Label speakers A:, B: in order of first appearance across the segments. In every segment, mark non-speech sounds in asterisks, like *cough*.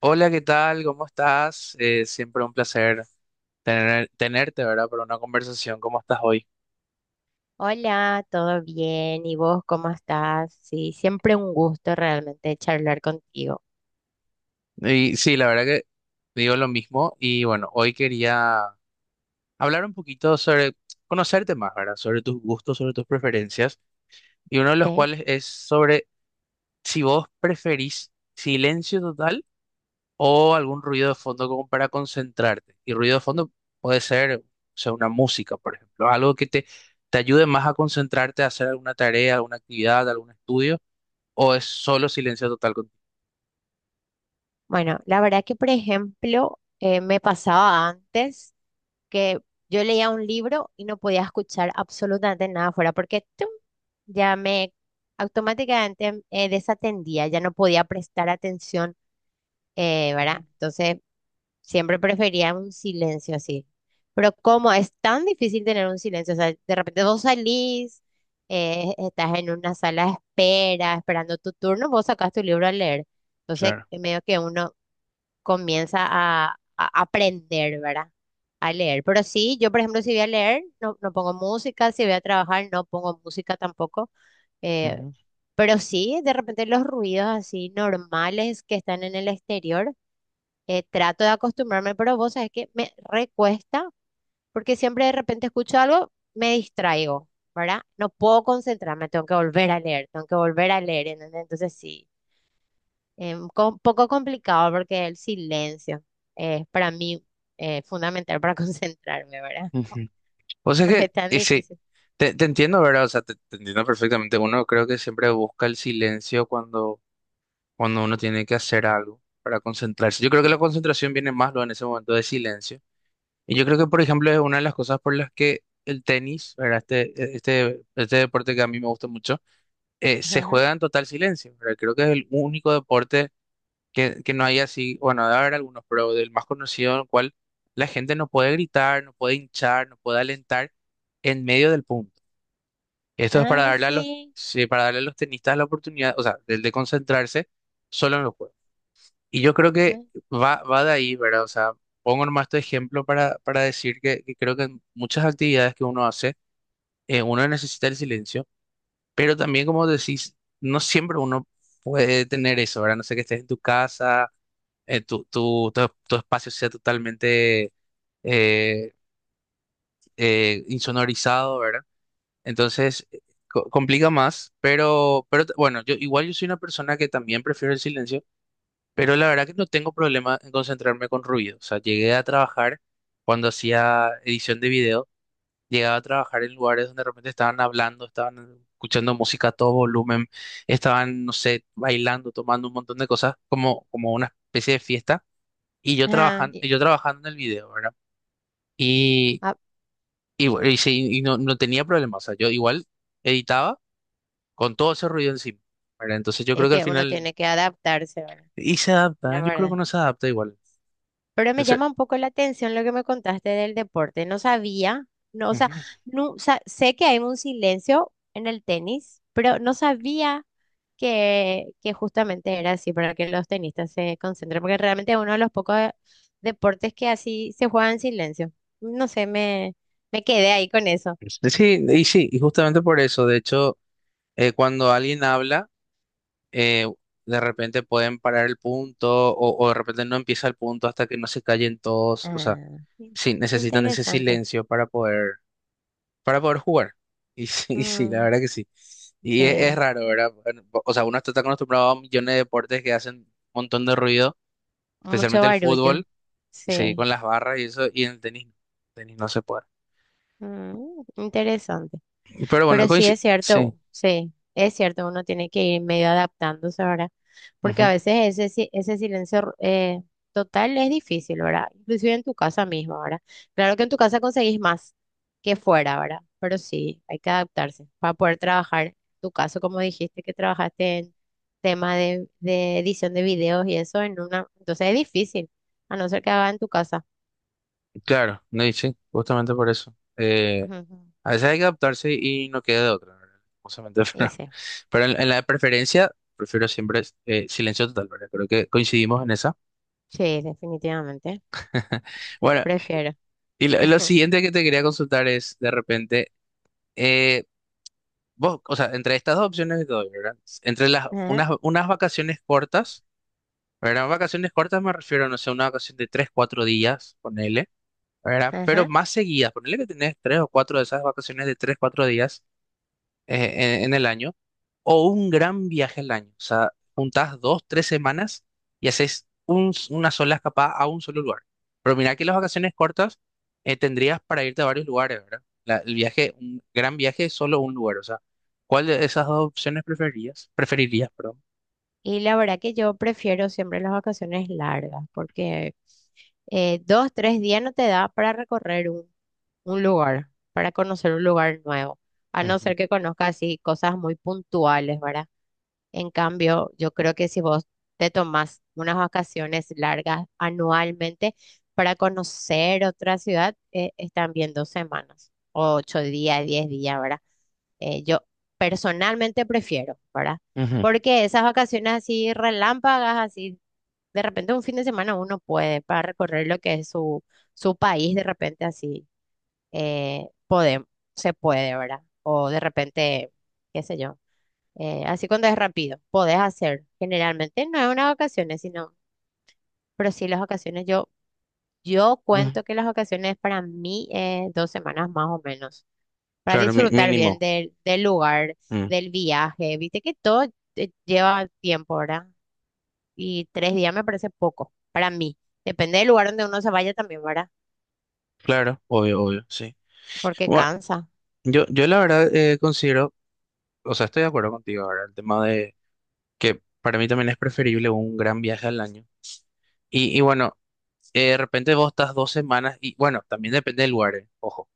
A: Hola, ¿qué tal? ¿Cómo estás? Siempre un placer tenerte, ¿verdad? Para una conversación. ¿Cómo estás hoy?
B: Hola, ¿todo bien? ¿Y vos cómo estás? Sí, siempre un gusto realmente charlar contigo.
A: Y sí, la verdad que digo lo mismo. Y bueno, hoy quería hablar un poquito sobre conocerte más, ¿verdad? Sobre tus gustos, sobre tus preferencias. Y uno de los
B: Sí.
A: cuales es sobre si vos preferís silencio total o algún ruido de fondo como para concentrarte. Y ruido de fondo puede ser, o sea, una música, por ejemplo, algo te ayude más a concentrarte a hacer alguna tarea, alguna actividad, algún estudio, o es solo silencio total contigo.
B: Bueno, la verdad que, por ejemplo, me pasaba antes que yo leía un libro y no podía escuchar absolutamente nada fuera porque ¡tum! Ya me automáticamente desatendía, ya no podía prestar atención, ¿verdad?
A: Ujú,
B: Entonces siempre prefería un silencio así. Pero como es tan difícil tener un silencio, o sea, de repente vos salís, estás en una sala de espera, esperando tu turno, vos sacás tu libro a leer. Entonces,
A: claro,
B: medio que uno comienza a aprender, ¿verdad? A leer. Pero sí, yo, por ejemplo, si voy a leer, no pongo música, si voy a trabajar, no pongo música tampoco. eh,
A: ujú.
B: pero sí, de repente los ruidos así normales que están en el exterior trato de acostumbrarme, pero vos sabés que me recuesta porque siempre de repente escucho algo, me distraigo, ¿verdad? No puedo concentrarme, tengo que volver a leer, tengo que volver a leer, ¿entendés? Entonces sí, un poco complicado porque el silencio es para mí fundamental para *laughs* concentrarme, ¿verdad?
A: Ujú. O sea
B: Porque
A: que,
B: es tan
A: eh, sí,
B: difícil.
A: te entiendo, ¿verdad? O sea, te entiendo perfectamente. Uno creo que siempre busca el silencio cuando uno tiene que hacer algo para concentrarse. Yo creo que la concentración viene más luego en ese momento de silencio. Y yo creo que, por ejemplo, es una de las cosas por las que el tenis, ¿verdad? Este deporte que a mí me gusta mucho, se
B: Ajá.
A: juega en total silencio, ¿verdad? Creo que es el único deporte que no hay así, bueno, debe haber algunos, pero del más conocido en el cual la gente no puede gritar, no puede hinchar, no puede alentar en medio del punto. Esto es para
B: Ay,
A: darle a
B: sí.
A: sí, para darle a los tenistas la oportunidad, o sea, del de concentrarse solo en los juegos, y yo creo que va de ahí, ¿verdad? O sea, pongo nomás este ejemplo para decir que creo que en muchas actividades que uno hace, uno necesita el silencio, pero también, como decís, no siempre uno puede tener eso, ¿verdad? No sé que estés en tu casa, tu espacio sea totalmente eh, insonorizado, ¿verdad? Entonces, complica más, pero bueno, yo igual, yo soy una persona que también prefiero el silencio. Pero la verdad que no tengo problema en concentrarme con ruido. O sea, llegué a trabajar cuando hacía edición de video, llegaba a trabajar en lugares donde de repente estaban hablando, estaban escuchando música a todo volumen, estaban, no sé, bailando, tomando un montón de cosas, como, como una especie de fiesta. Y
B: Ajá.
A: yo trabajando en el video, ¿verdad? Y,
B: Ah,
A: no tenía problema. O sea, yo igual editaba con todo ese ruido encima, ¿verdad? Entonces yo creo
B: es
A: que al
B: que uno
A: final,
B: tiene que adaptarse ahora,
A: y se adapta,
B: la
A: ¿eh? Yo creo
B: verdad.
A: que uno se adapta igual.
B: Pero me
A: Ese-
B: llama un poco la atención lo que me contaste del deporte. No sabía, no, o sea,
A: Ujú.
B: no, sé que hay un silencio en el tenis, pero no sabía que justamente era así para que los tenistas se concentren, porque realmente es uno de los pocos deportes que así se juega en silencio. No sé, me quedé ahí con eso.
A: Sí, y sí, y justamente por eso, de hecho, cuando alguien habla, eh, de repente pueden parar el punto o de repente no empieza el punto hasta que no se callen todos, o sea,
B: Ah, in-
A: sí, necesitan ese
B: interesante.
A: silencio para poder jugar. Y sí, *laughs* y sí, la
B: Mm,
A: verdad que sí. Y es
B: sí,
A: raro, ¿verdad? Bueno, o sea, uno está tan acostumbrado a millones de deportes que hacen un montón de ruido,
B: mucho
A: especialmente el
B: barullo.
A: fútbol, y seguir
B: Sí,
A: con las barras y eso, y en el tenis, no. El tenis no se puede.
B: mm, interesante.
A: Pero bueno,
B: Pero
A: sí.
B: sí, es cierto, uno tiene que ir medio adaptándose ahora, porque a veces ese, ese silencio total es difícil, ¿verdad? Inclusive en tu casa misma, ¿verdad? Claro que en tu casa conseguís más que fuera, ¿verdad? Pero sí, hay que adaptarse para poder trabajar. En tu caso, como dijiste, que trabajaste en tema de edición de videos y eso en una, entonces es difícil, a no ser que haga en tu casa.
A: Claro, no, y sí, justamente por eso.
B: Ujú.
A: A veces hay que adaptarse y no queda de otra, ¿verdad? Justamente, *laughs*
B: Y sí,
A: pero en la preferencia prefiero siempre silencio total, ¿verdad? Creo que coincidimos en esa.
B: sí, definitivamente,
A: *laughs* Bueno,
B: prefiero.
A: y lo
B: *laughs*
A: siguiente que te quería consultar es, de repente, eh, vos, o sea, entre estas dos opciones que te doy, ¿verdad? Entre
B: Ajá,
A: unas vacaciones cortas, ¿verdad? Vacaciones cortas me refiero, no sé, una vacación de tres, cuatro días, ponele, ¿verdad? Pero
B: ajá.
A: más seguidas, ponele que tenés tres o cuatro de esas vacaciones de tres, cuatro días en el año o un gran viaje al año. O sea, juntás dos, tres semanas y haces una sola escapada a un solo lugar. Pero mirá que las vacaciones cortas tendrías para irte a varios lugares, ¿verdad? El viaje, un gran viaje es solo un lugar. O sea, ¿cuál de esas dos opciones preferirías? Preferirías, perdón.
B: Y la verdad que yo prefiero siempre las vacaciones largas, porque dos, tres días no te da para recorrer un lugar, para conocer un lugar nuevo, a no
A: Ujú,
B: ser que conozcas así cosas muy puntuales, ¿verdad? En cambio, yo creo que si vos te tomás unas vacaciones largas anualmente para conocer otra ciudad, están bien 2 semanas, o 8 días, 10 días, ¿verdad? Yo personalmente prefiero, ¿verdad?
A: ujú,
B: Porque esas vacaciones así relámpagas, así, de repente un fin de semana uno puede para recorrer lo que es su país, de repente así, eh, pode- se puede, ¿verdad? O de repente, qué sé yo, así cuando es rápido, podés hacer. Generalmente no es unas vacaciones, sino, pero sí las vacaciones yo
A: ujú.
B: cuento que las vacaciones para mí es 2 semanas más o menos, para
A: Claro,
B: disfrutar bien
A: mínimo.
B: del lugar,
A: Mm,
B: del viaje. Viste que todo lleva tiempo, ¿verdad? Y 3 días me parece poco para mí. Depende del lugar donde uno se vaya también, ¿verdad?
A: claro, obvio, obvio, sí.
B: Porque
A: Bueno,
B: cansa.
A: yo la verdad considero, o sea, estoy de acuerdo contigo ahora, el tema de que para mí también es preferible un gran viaje al año. Y bueno, de repente vos estás dos semanas y bueno, también depende del lugar, ojo.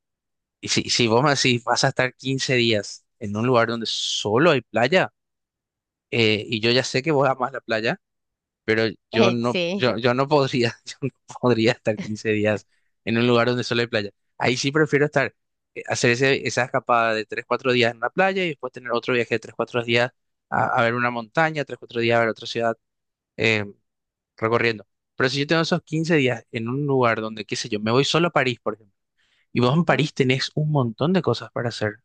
A: Y si vos me decís, vas a estar 15 días en un lugar donde solo hay playa, y yo ya sé que vos amás la playa, pero yo
B: *laughs*
A: no,
B: Sí.
A: yo no podría, *laughs* yo no podría estar 15 días en un lugar donde solo hay playa. Ahí sí prefiero estar, hacer esa escapada de 3 4 días en la playa y después tener otro viaje de 3 4 días a ver una montaña, 3 4 días a ver otra ciudad, eh, recorriendo. Pero si yo tengo esos 15 días en un lugar donde, qué sé yo, me voy solo a París, por ejemplo, y vos en
B: Ujú,
A: París tenés un montón de cosas para hacer,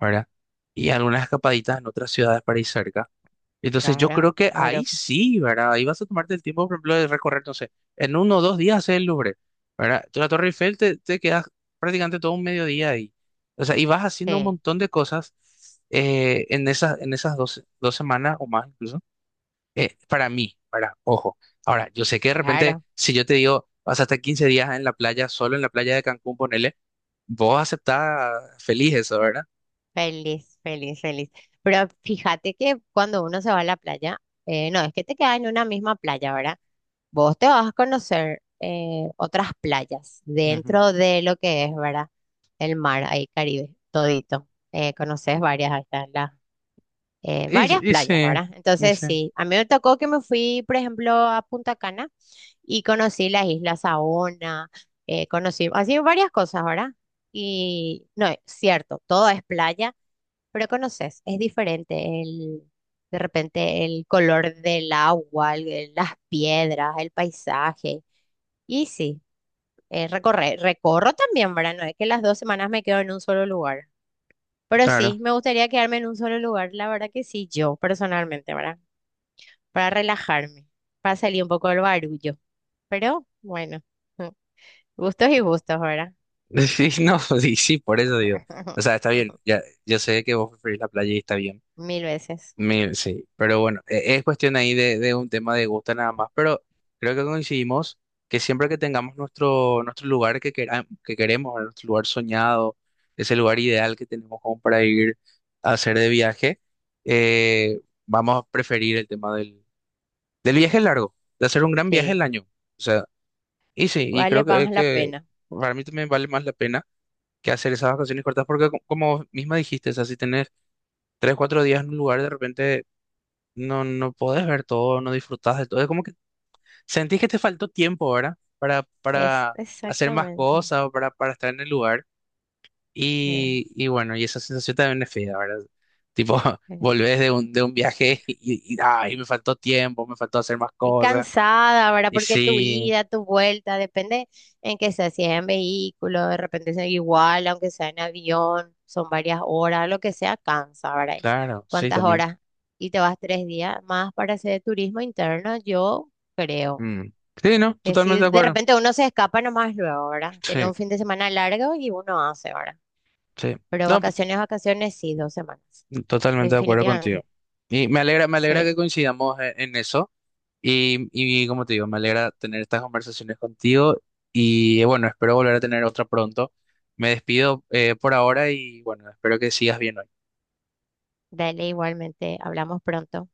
A: ¿verdad? Y algunas escapaditas en otras ciudades para ir cerca. Entonces yo
B: claro,
A: creo que ahí
B: Europa.
A: sí, ¿verdad? Ahí vas a tomarte el tiempo, por ejemplo, de recorrer, no sé, en uno o dos días hacer el Louvre, ¿verdad? La Torre Eiffel te quedas prácticamente todo un mediodía ahí. O sea, y vas haciendo un
B: Sí,
A: montón de cosas en esas dos semanas o más, incluso para mí, para, ojo. Ahora, yo sé que de repente,
B: claro,
A: si yo te digo, vas a estar 15 días en la playa, solo en la playa de Cancún, ponele, vos aceptás feliz eso, ¿verdad?
B: feliz, feliz, feliz. Pero fíjate que cuando uno se va a la playa, no es que te quedas en una misma playa, ¿verdad? Vos te vas a conocer otras playas
A: Ujú.
B: dentro de lo que es, ¿verdad? El mar, ahí Caribe, todito. Conoces varias, ahí están las, varias
A: Y, y sí,
B: playas, ¿verdad?
A: y
B: Entonces,
A: sí,
B: sí, a mí me tocó que me fui, por ejemplo, a Punta Cana y conocí las Islas Saona, conocí, así varias cosas, ¿verdad? Y no, es cierto, todo es playa pero conoces, es diferente el, de repente el color del agua, el- las piedras, el paisaje. Y sí, recorrer recorro también, ¿verdad? No es que las 2 semanas me quedo en un solo lugar. Pero
A: claro.
B: sí, me gustaría quedarme en un solo lugar, la verdad que sí, yo personalmente, ¿verdad? Para relajarme, para salir un poco del barullo. Pero bueno, *laughs* gustos y gustos, ¿verdad?
A: *laughs* Sí no, sí sí, por eso digo. O sea,
B: *laughs*
A: está bien, ya, yo sé que vos preferís la playa y está bien.
B: Mil veces.
A: Mil, sí, pero bueno, es cuestión ahí de un tema de gusto nada más, pero creo que coincidimos que siempre que tengamos nuestro, nuestro lugar que queremos, nuestro lugar soñado, ese lugar ideal que tenemos como para ir a hacer de viaje, eh, vamos a preferir el tema del viaje largo, de hacer un gran viaje
B: Sí,
A: el año. O sea, y sí, y
B: vale
A: creo
B: más la
A: que
B: pena.
A: para mí también vale más la pena que hacer esas vacaciones cortas, porque como misma dijiste, o sea, si tenés tres, cuatro días en un lugar, de repente no, no podés ver todo, no disfrutás de todo. Es como que sentís que te faltó tiempo, ¿verdad?
B: Es
A: Para hacer más
B: exactamente.
A: cosas o para estar en el lugar.
B: Eh.
A: Y bueno, y esa sensación también es fea, ¿verdad? Tipo, *laughs*
B: Ujú.
A: volvés de un viaje *laughs* y, ay, me faltó tiempo, me faltó hacer más
B: Y
A: cosas.
B: cansada, ¿verdad?
A: Y
B: Porque tu
A: sí,
B: ida, tu vuelta, depende en qué sea, si es en vehículo, de repente es igual, aunque sea en avión, son varias horas, lo que sea, cansa, ¿verdad?
A: claro, sí,
B: ¿Cuántas
A: también.
B: horas? Y te vas 3 días más para hacer turismo interno, yo creo
A: Mm. Sí, no,
B: que
A: totalmente
B: si
A: de
B: de
A: acuerdo.
B: repente uno se escapa nomás luego, ¿verdad? Tener
A: Sí,
B: un fin de semana largo y uno hace, ¿verdad?
A: sí.
B: Pero
A: No, pues,
B: vacaciones, vacaciones, sí, 2 semanas,
A: totalmente de acuerdo contigo.
B: definitivamente.
A: Y me alegra
B: Sí,
A: que coincidamos en eso. Y como te digo, me alegra tener estas conversaciones contigo y bueno, espero volver a tener otra pronto. Me despido por ahora y bueno, espero que sigas bien hoy.
B: dale igualmente, hablamos pronto.